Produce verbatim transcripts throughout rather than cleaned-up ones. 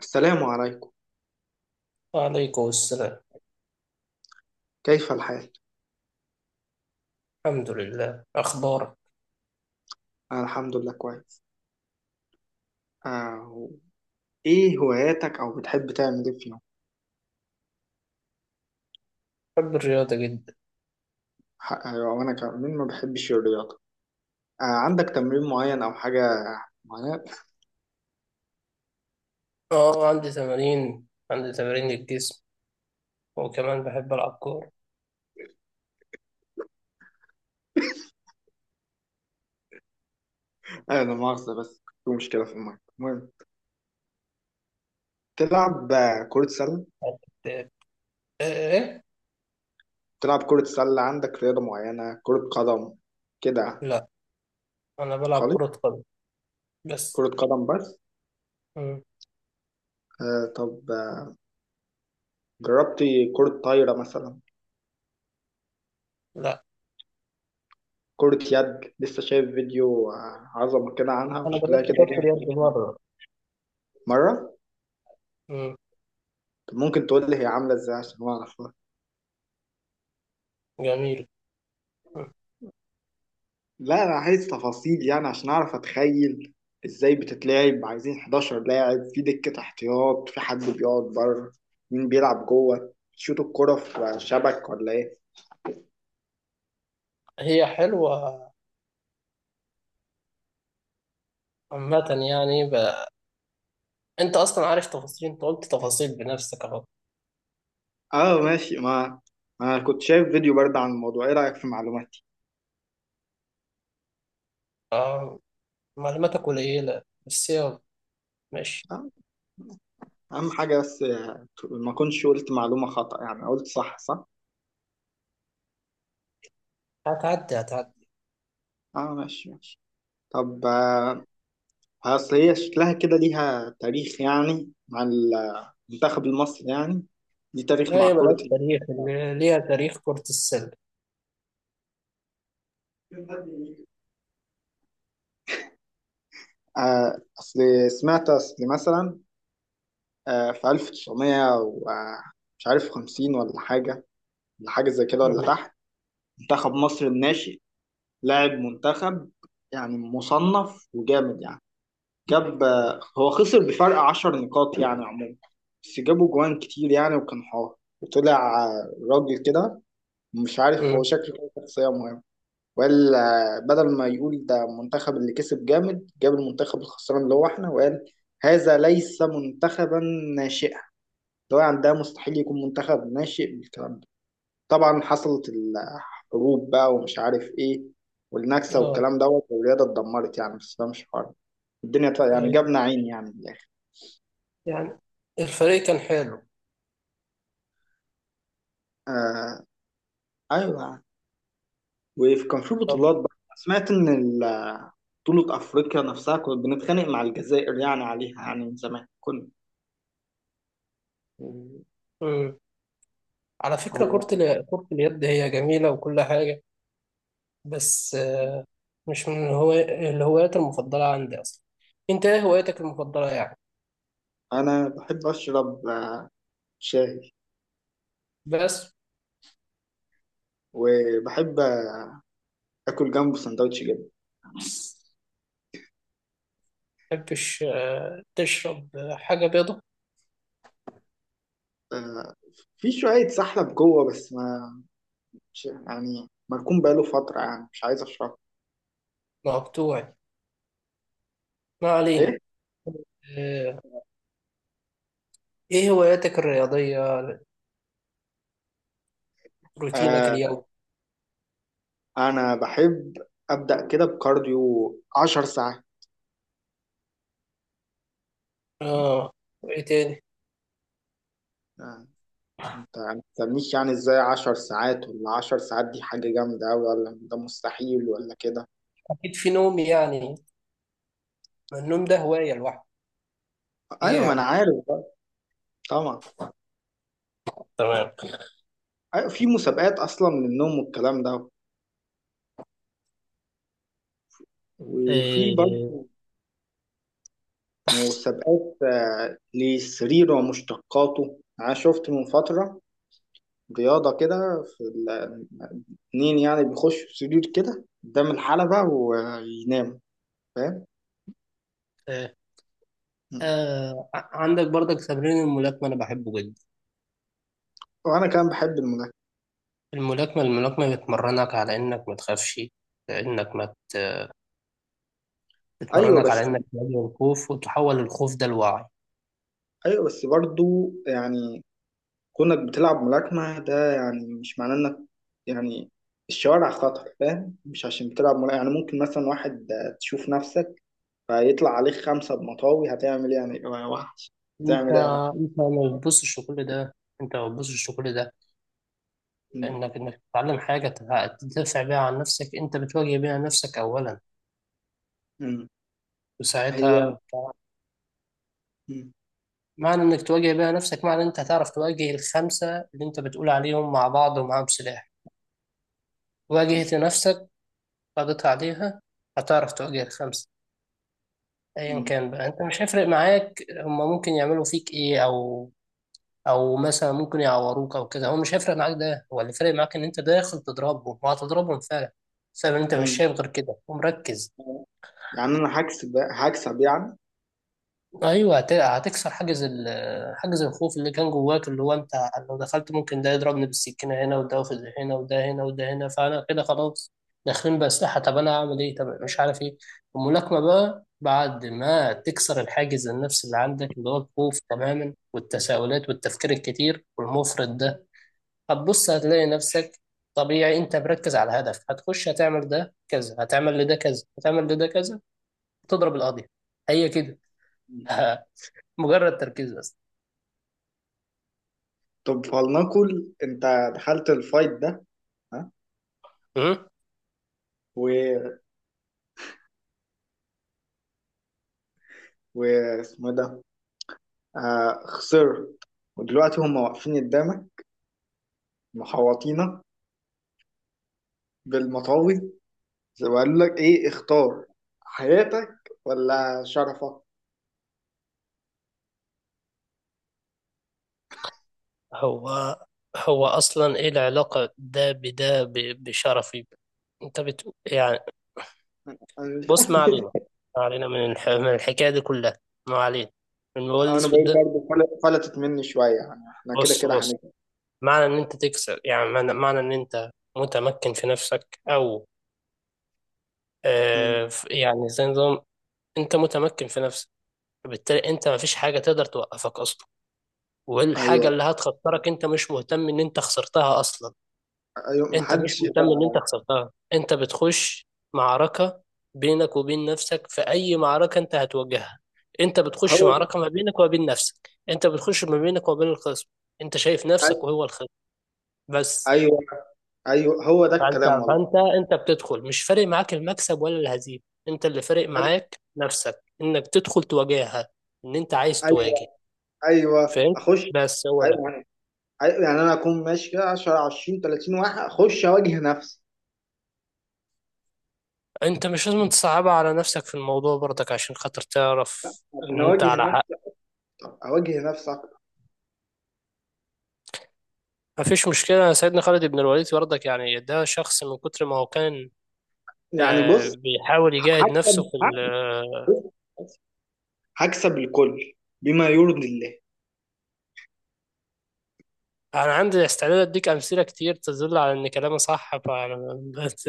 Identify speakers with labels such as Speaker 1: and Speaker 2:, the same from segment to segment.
Speaker 1: السلام عليكم.
Speaker 2: وعليكم السلام.
Speaker 1: كيف الحال؟
Speaker 2: الحمد لله، أخبارك؟
Speaker 1: أنا الحمد لله كويس. آه. إيه هواياتك أو بتحب تعمل إيه في يوم؟
Speaker 2: بحب الرياضة جدا.
Speaker 1: ح- أيوة، وأنا كمان ما بحبش الرياضة. آه. عندك تمرين معين أو حاجة معينة؟
Speaker 2: أه عندي تمارين عندي تمارين الجسم، وكمان بحب ألعب كورة.
Speaker 1: آه، لا مؤاخذة، بس في مشكلة في المايك. المهم، تلعب آه، كرة سلة؟
Speaker 2: إيه. إيه.
Speaker 1: تلعب كرة سلة؟ عندك رياضة معينة، كرة قدم كده؟
Speaker 2: لا، أنا بلعب
Speaker 1: خالص،
Speaker 2: كرة قدم بس.
Speaker 1: كرة قدم بس.
Speaker 2: مم.
Speaker 1: آه. طب، آه، جربتي كرة طايرة مثلا؟
Speaker 2: لا،
Speaker 1: كرة يد، لسه شايف فيديو آه، عظمة كده عنها،
Speaker 2: أنا
Speaker 1: وشكلها كده
Speaker 2: جربت كرة اليد
Speaker 1: جامد.
Speaker 2: مرة.
Speaker 1: مرة.
Speaker 2: مم.
Speaker 1: طب، ممكن تقول لي هي عاملة ازاي عشان اعرفها؟
Speaker 2: جميل. مم.
Speaker 1: لا، انا عايز تفاصيل يعني، عشان اعرف اتخيل ازاي بتتلعب. عايزين 11 لاعب؟ في دكة احتياط؟ في حد بيقعد بره؟ مين بيلعب جوه؟ شوط الكرة في شبك ولا ايه؟
Speaker 2: هي حلوة عامة، يعني ب... أنت أصلا عارف تفاصيل، أنت قلت تفاصيل بنفسك أهو.
Speaker 1: اه، ماشي. ما ما انا كنت شايف فيديو برضه عن الموضوع. ايه رأيك في معلوماتي؟
Speaker 2: آه، معلوماتك قليلة، بس يلا ماشي.
Speaker 1: آه، اهم حاجة، بس آه، ما كنتش قلت معلومة خطأ يعني، قلت صح صح.
Speaker 2: هتعدي، هتعدي.
Speaker 1: اه، ماشي ماشي. طب، آه، اصل هي شكلها كده ليها تاريخ يعني، مع ال المنتخب المصري يعني، ليه تاريخ
Speaker 2: لا،
Speaker 1: مع
Speaker 2: هي
Speaker 1: كرة
Speaker 2: ملهاش
Speaker 1: اليد.
Speaker 2: تاريخ، اللي ليها تاريخ كرة السلة.
Speaker 1: آه، أصل سمعت، أصل مثلا آه، في ألف وتسعمية و- آه، مش عارف خمسين ولا حاجة، ولا حاجة زي كده ولا
Speaker 2: مم.
Speaker 1: تحت. منتخب مصر الناشئ، لاعب منتخب يعني، مصنف وجامد يعني. جاب، آه، هو خسر بفرق 10 نقاط يعني عموما، بس جابوا جوان كتير يعني، وكان حار. وطلع آه، راجل كده، مش عارف، هو
Speaker 2: مم.
Speaker 1: شكله كده شخصية مهمة ولا. بدل ما يقول ده المنتخب اللي كسب جامد، جاب المنتخب الخسران اللي هو احنا، وقال هذا ليس منتخبا ناشئا، اللي هو يعني، ده مستحيل يكون منتخب ناشئ بالكلام ده. طبعا حصلت الحروب بقى ومش عارف ايه، والنكسة
Speaker 2: اه،
Speaker 1: والكلام دوت، والرياضة اتدمرت يعني، بس ده مش حوار. الدنيا طبعا يعني
Speaker 2: ايوه،
Speaker 1: جابنا عين يعني، من الآخر.
Speaker 2: يعني الفريق كان حلو.
Speaker 1: آه، أيوه. وكان في
Speaker 2: طب.
Speaker 1: بطولات بقى. سمعت إن ال- بطولة أفريقيا نفسها كنا بنتخانق مع الجزائر يعني عليها، يعني من زمان. كنا.
Speaker 2: مم. على فكرة، كرة
Speaker 1: هو.
Speaker 2: ال- كرة اليد هي جميلة وكل حاجة، بس آه، مش من هو... الهوايات المفضلة عندي أصلا. أنت إيه هوايتك المفضلة يعني؟
Speaker 1: أنا بحب أشرب آه، شاي،
Speaker 2: بس.
Speaker 1: وبحب آكل جنبه سندوتش جبن.
Speaker 2: متحبش آه، تشرب حاجة بيضة؟
Speaker 1: آه، في شوية سحلب جوه، بس ما مش يعني، مركون بقاله فترة يعني، مش عايز أشربه.
Speaker 2: مقطوعي، ما علينا.
Speaker 1: إيه؟
Speaker 2: آه، إيه هواياتك الرياضية؟ روتينك
Speaker 1: آه.
Speaker 2: اليومي؟
Speaker 1: أنا بحب أبدأ كده بكارديو عشر ساعات.
Speaker 2: آه وإيه تاني؟
Speaker 1: آه، أنت ما تسألنيش يعني إزاي عشر ساعات، ولا عشر ساعات دي حاجة جامدة أوي، ولا ده مستحيل، ولا كده.
Speaker 2: أكيد في نوم يعني، ما النوم ده هواية لوحده، ايه
Speaker 1: أيوة،
Speaker 2: يا
Speaker 1: ما أنا
Speaker 2: عم.
Speaker 1: عارف بقى طبعا.
Speaker 2: تمام.
Speaker 1: أيوة، في مسابقات أصلا للنوم والكلام ده، وفي
Speaker 2: إيه.
Speaker 1: برضه مسابقات آه، للسرير ومشتقاته. أنا شفت من فترة رياضة كده، في ال- اتنين يعني بيخشوا في سرير كده قدام الحلبة ويناموا، فاهم؟
Speaker 2: إيه. آه ع- عندك برضك تمرين الملاكمة، أنا بحبه جدا.
Speaker 1: وأنا كمان بحب الملاكمة.
Speaker 2: الملاكمة الملاكمة بتمرنك على إنك ما تخافش، إنك ما ت-
Speaker 1: أيوة
Speaker 2: بتمرنك على
Speaker 1: بس،
Speaker 2: إنك تواجه الخوف، وتحول الخوف ده لوعي.
Speaker 1: أيوة بس برضه يعني، كونك بتلعب ملاكمة ده يعني مش معناه إنك، يعني الشوارع خطر، فاهم؟ مش عشان بتلعب ملاكمة يعني، ممكن مثلا واحد آه، تشوف نفسك فيطلع عليك خمسة بمطاوي، هتعمل ايه يعني واحد؟
Speaker 2: أنت
Speaker 1: هتعمل ايه يا واحد؟
Speaker 2: أنت ما بتبصش لكل ده، أنت ما بتبصش لكل ده.
Speaker 1: مم.
Speaker 2: إنك إنك تتعلم حاجة تدافع بيها عن نفسك، أنت بتواجه بيها نفسك أولا.
Speaker 1: مم. هي،
Speaker 2: وساعتها
Speaker 1: مم.
Speaker 2: معنى انك تواجه بيها نفسك، معنى انت هتعرف تواجه الخمسة اللي انت بتقول عليهم مع بعض ومعاهم سلاح. واجهت نفسك، قضيت عليها، هتعرف تواجه الخمسة. ايا
Speaker 1: مم.
Speaker 2: كان بقى، انت مش هيفرق معاك، هما ممكن يعملوا فيك ايه، او او مثلا ممكن يعوروك او كده، هو مش هيفرق معاك. ده هو اللي فارق معاك، ان انت داخل تضربهم وهتضربهم فعلا، بسبب ان انت مش
Speaker 1: مم.
Speaker 2: شايف غير كده ومركز.
Speaker 1: يعني انا هكسب هكسب يعني.
Speaker 2: ايوه، هت- هتكسر حاجز ال حاجز الخوف اللي كان جواك، اللي هو انت لو دخلت ممكن ده يضربني بالسكينه هنا، وده في هنا، وده هنا، وده هنا، فانا كده خلاص، داخلين باسلحه، طب انا هعمل ايه، طب مش عارف ايه. الملاكمه بقى بعد ما تكسر الحاجز النفسي اللي عندك، اللي هو الخوف تماما والتساؤلات والتفكير الكتير والمفرط ده، هتبص هتلاقي نفسك طبيعي، انت مركز على هدف، هتخش هتعمل ده كذا، هتعمل لده كذا، هتعمل لده كذا، تضرب القاضي. هي كده.
Speaker 1: مم.
Speaker 2: مجرد تركيز بس.
Speaker 1: طب فلنقل انت دخلت الفايت ده. ها.
Speaker 2: مم؟
Speaker 1: و واسمه ده، آه خسرت، ودلوقتي هم واقفين قدامك، محوطينك بالمطاوي، وقالوا لك ايه: اختار حياتك ولا شرفك.
Speaker 2: هو هو أصلا إيه العلاقة ده بده ب- بشرفي؟ أنت بت يعني.
Speaker 1: انا
Speaker 2: بص، ما
Speaker 1: مش،
Speaker 2: علينا، ما علينا من الح... من الحكاية دي كلها، ما علينا من الموبايل
Speaker 1: انا
Speaker 2: الأسود
Speaker 1: بقول
Speaker 2: ده.
Speaker 1: برضه فل- فلتت مني شويه يعني، احنا كده
Speaker 2: بص،
Speaker 1: كده
Speaker 2: بص،
Speaker 1: هنجي.
Speaker 2: معنى إن أنت تكسب يعني، معنى معنى إن أنت متمكن في نفسك، أو
Speaker 1: مم.
Speaker 2: آه ف- يعني زي نظام. أنت متمكن في نفسك، بالتالي أنت مفيش حاجة تقدر توقفك أصلا، والحاجة
Speaker 1: ايوه،
Speaker 2: اللي هتخطرك أنت مش مهتم إن أنت خسرتها أصلا.
Speaker 1: ايوه،
Speaker 2: انت مش
Speaker 1: محدش يقدر
Speaker 2: مهتم ان
Speaker 1: على.
Speaker 2: انت خسرتها، انت بتخش معركة بينك وبين نفسك. في اي معركة انت هتواجهها، انت بتخش
Speaker 1: هو ده.
Speaker 2: معركة ما بينك وما بين نفسك، انت بتخش ما بينك وما بين الخصم. انت شايف
Speaker 1: أي-
Speaker 2: نفسك وهو الخصم، بس.
Speaker 1: ايوه، ايوه، هو ده
Speaker 2: فانت
Speaker 1: الكلام والله.
Speaker 2: فانت انت بتدخل، مش فارق معاك المكسب ولا الهزيمة، انت اللي فارق
Speaker 1: أي-
Speaker 2: معاك نفسك، انك تدخل تواجهها، ان انت عايز تواجه.
Speaker 1: ايوه، ايوه،
Speaker 2: فهمت؟
Speaker 1: اخش.
Speaker 2: بس هو ده.
Speaker 1: ايوه يعني، أيوة يعني انا اكون ماشي كده عشرة عشرين تلاتين واحد، اخش اواجه نفسي؟
Speaker 2: انت مش لازم تصعبها على نفسك في الموضوع برضك، عشان خاطر تعرف ان
Speaker 1: عشان
Speaker 2: انت
Speaker 1: اواجه
Speaker 2: على حق.
Speaker 1: نفسي؟ طب اواجه نفسي اكتر
Speaker 2: مفيش مشكلة، سيدنا خالد بن الوليد برضك يعني، ده شخص من كتر ما هو كان
Speaker 1: يعني،
Speaker 2: آه،
Speaker 1: بص،
Speaker 2: بيحاول
Speaker 1: ه-
Speaker 2: يجاهد نفسه
Speaker 1: هكسب،
Speaker 2: في ال
Speaker 1: ه-
Speaker 2: آه،
Speaker 1: بص، هكسب الكل بما يرضي الله.
Speaker 2: أنا عندي استعداد أديك أمثلة كتير تدل على إن كلامي صح، فأنا- بس.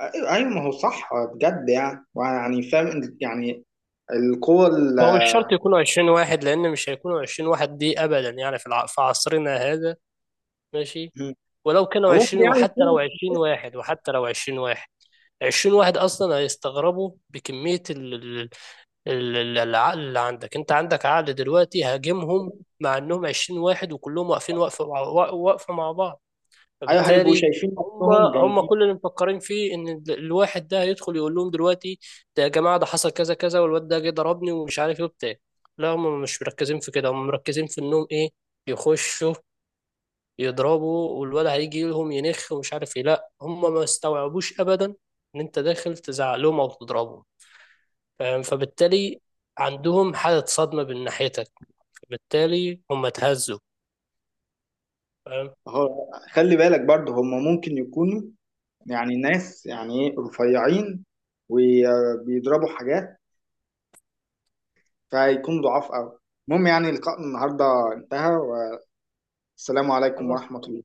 Speaker 1: ايوه، أيوة، ما هو صح بجد يعني يعني فاهم إن- يعني القوة ال،
Speaker 2: هو مش شرط يكونوا عشرين واحد، لأن مش هيكونوا عشرين واحد دي أبدا يعني في الع- في عصرنا هذا. ماشي، ولو كانوا
Speaker 1: أو ممكن
Speaker 2: عشرين،
Speaker 1: يعني
Speaker 2: وحتى لو
Speaker 1: يكون،
Speaker 2: عشرين واحد، وحتى لو عشرين واحد، عشرين واحد أصلا هيستغربوا بكمية ال- ال- العقل اللي عندك. انت عندك عقل دلوقتي، هاجمهم مع انهم عشرين واحد وكلهم واقفين، واقفه مع- وا- واقفه مع بعض.
Speaker 1: أيوة هيبقوا
Speaker 2: فبالتالي
Speaker 1: شايفين
Speaker 2: هم
Speaker 1: نفسهم
Speaker 2: هم
Speaker 1: جامدين.
Speaker 2: كل اللي مفكرين فيه ان ال- الواحد ده هيدخل يقول لهم دلوقتي، ده يا جماعه ده حصل كذا كذا والواد ده جه ضربني ومش عارف ايه وبتاع. لا، هم مش مركزين في كده، هم مركزين في انهم ايه، يخشوا يضربوا، والواد هيجي لهم ينخ ومش عارف ايه. لا، هم ما استوعبوش ابدا ان انت داخل تزعق لهم او تضربهم. فاهم؟ فبالتالي عندهم حالة صدمة من ناحيتك، فبالتالي هم اتهزوا. فاهم؟
Speaker 1: هو خلي بالك برضه، هم ممكن يكونوا يعني ناس يعني إيه، رفيعين، وبيضربوا حاجات، فهيكون ضعاف أوي. المهم يعني، لقاء النهاردة انتهى، والسلام عليكم
Speaker 2: خلاص.
Speaker 1: ورحمة الله.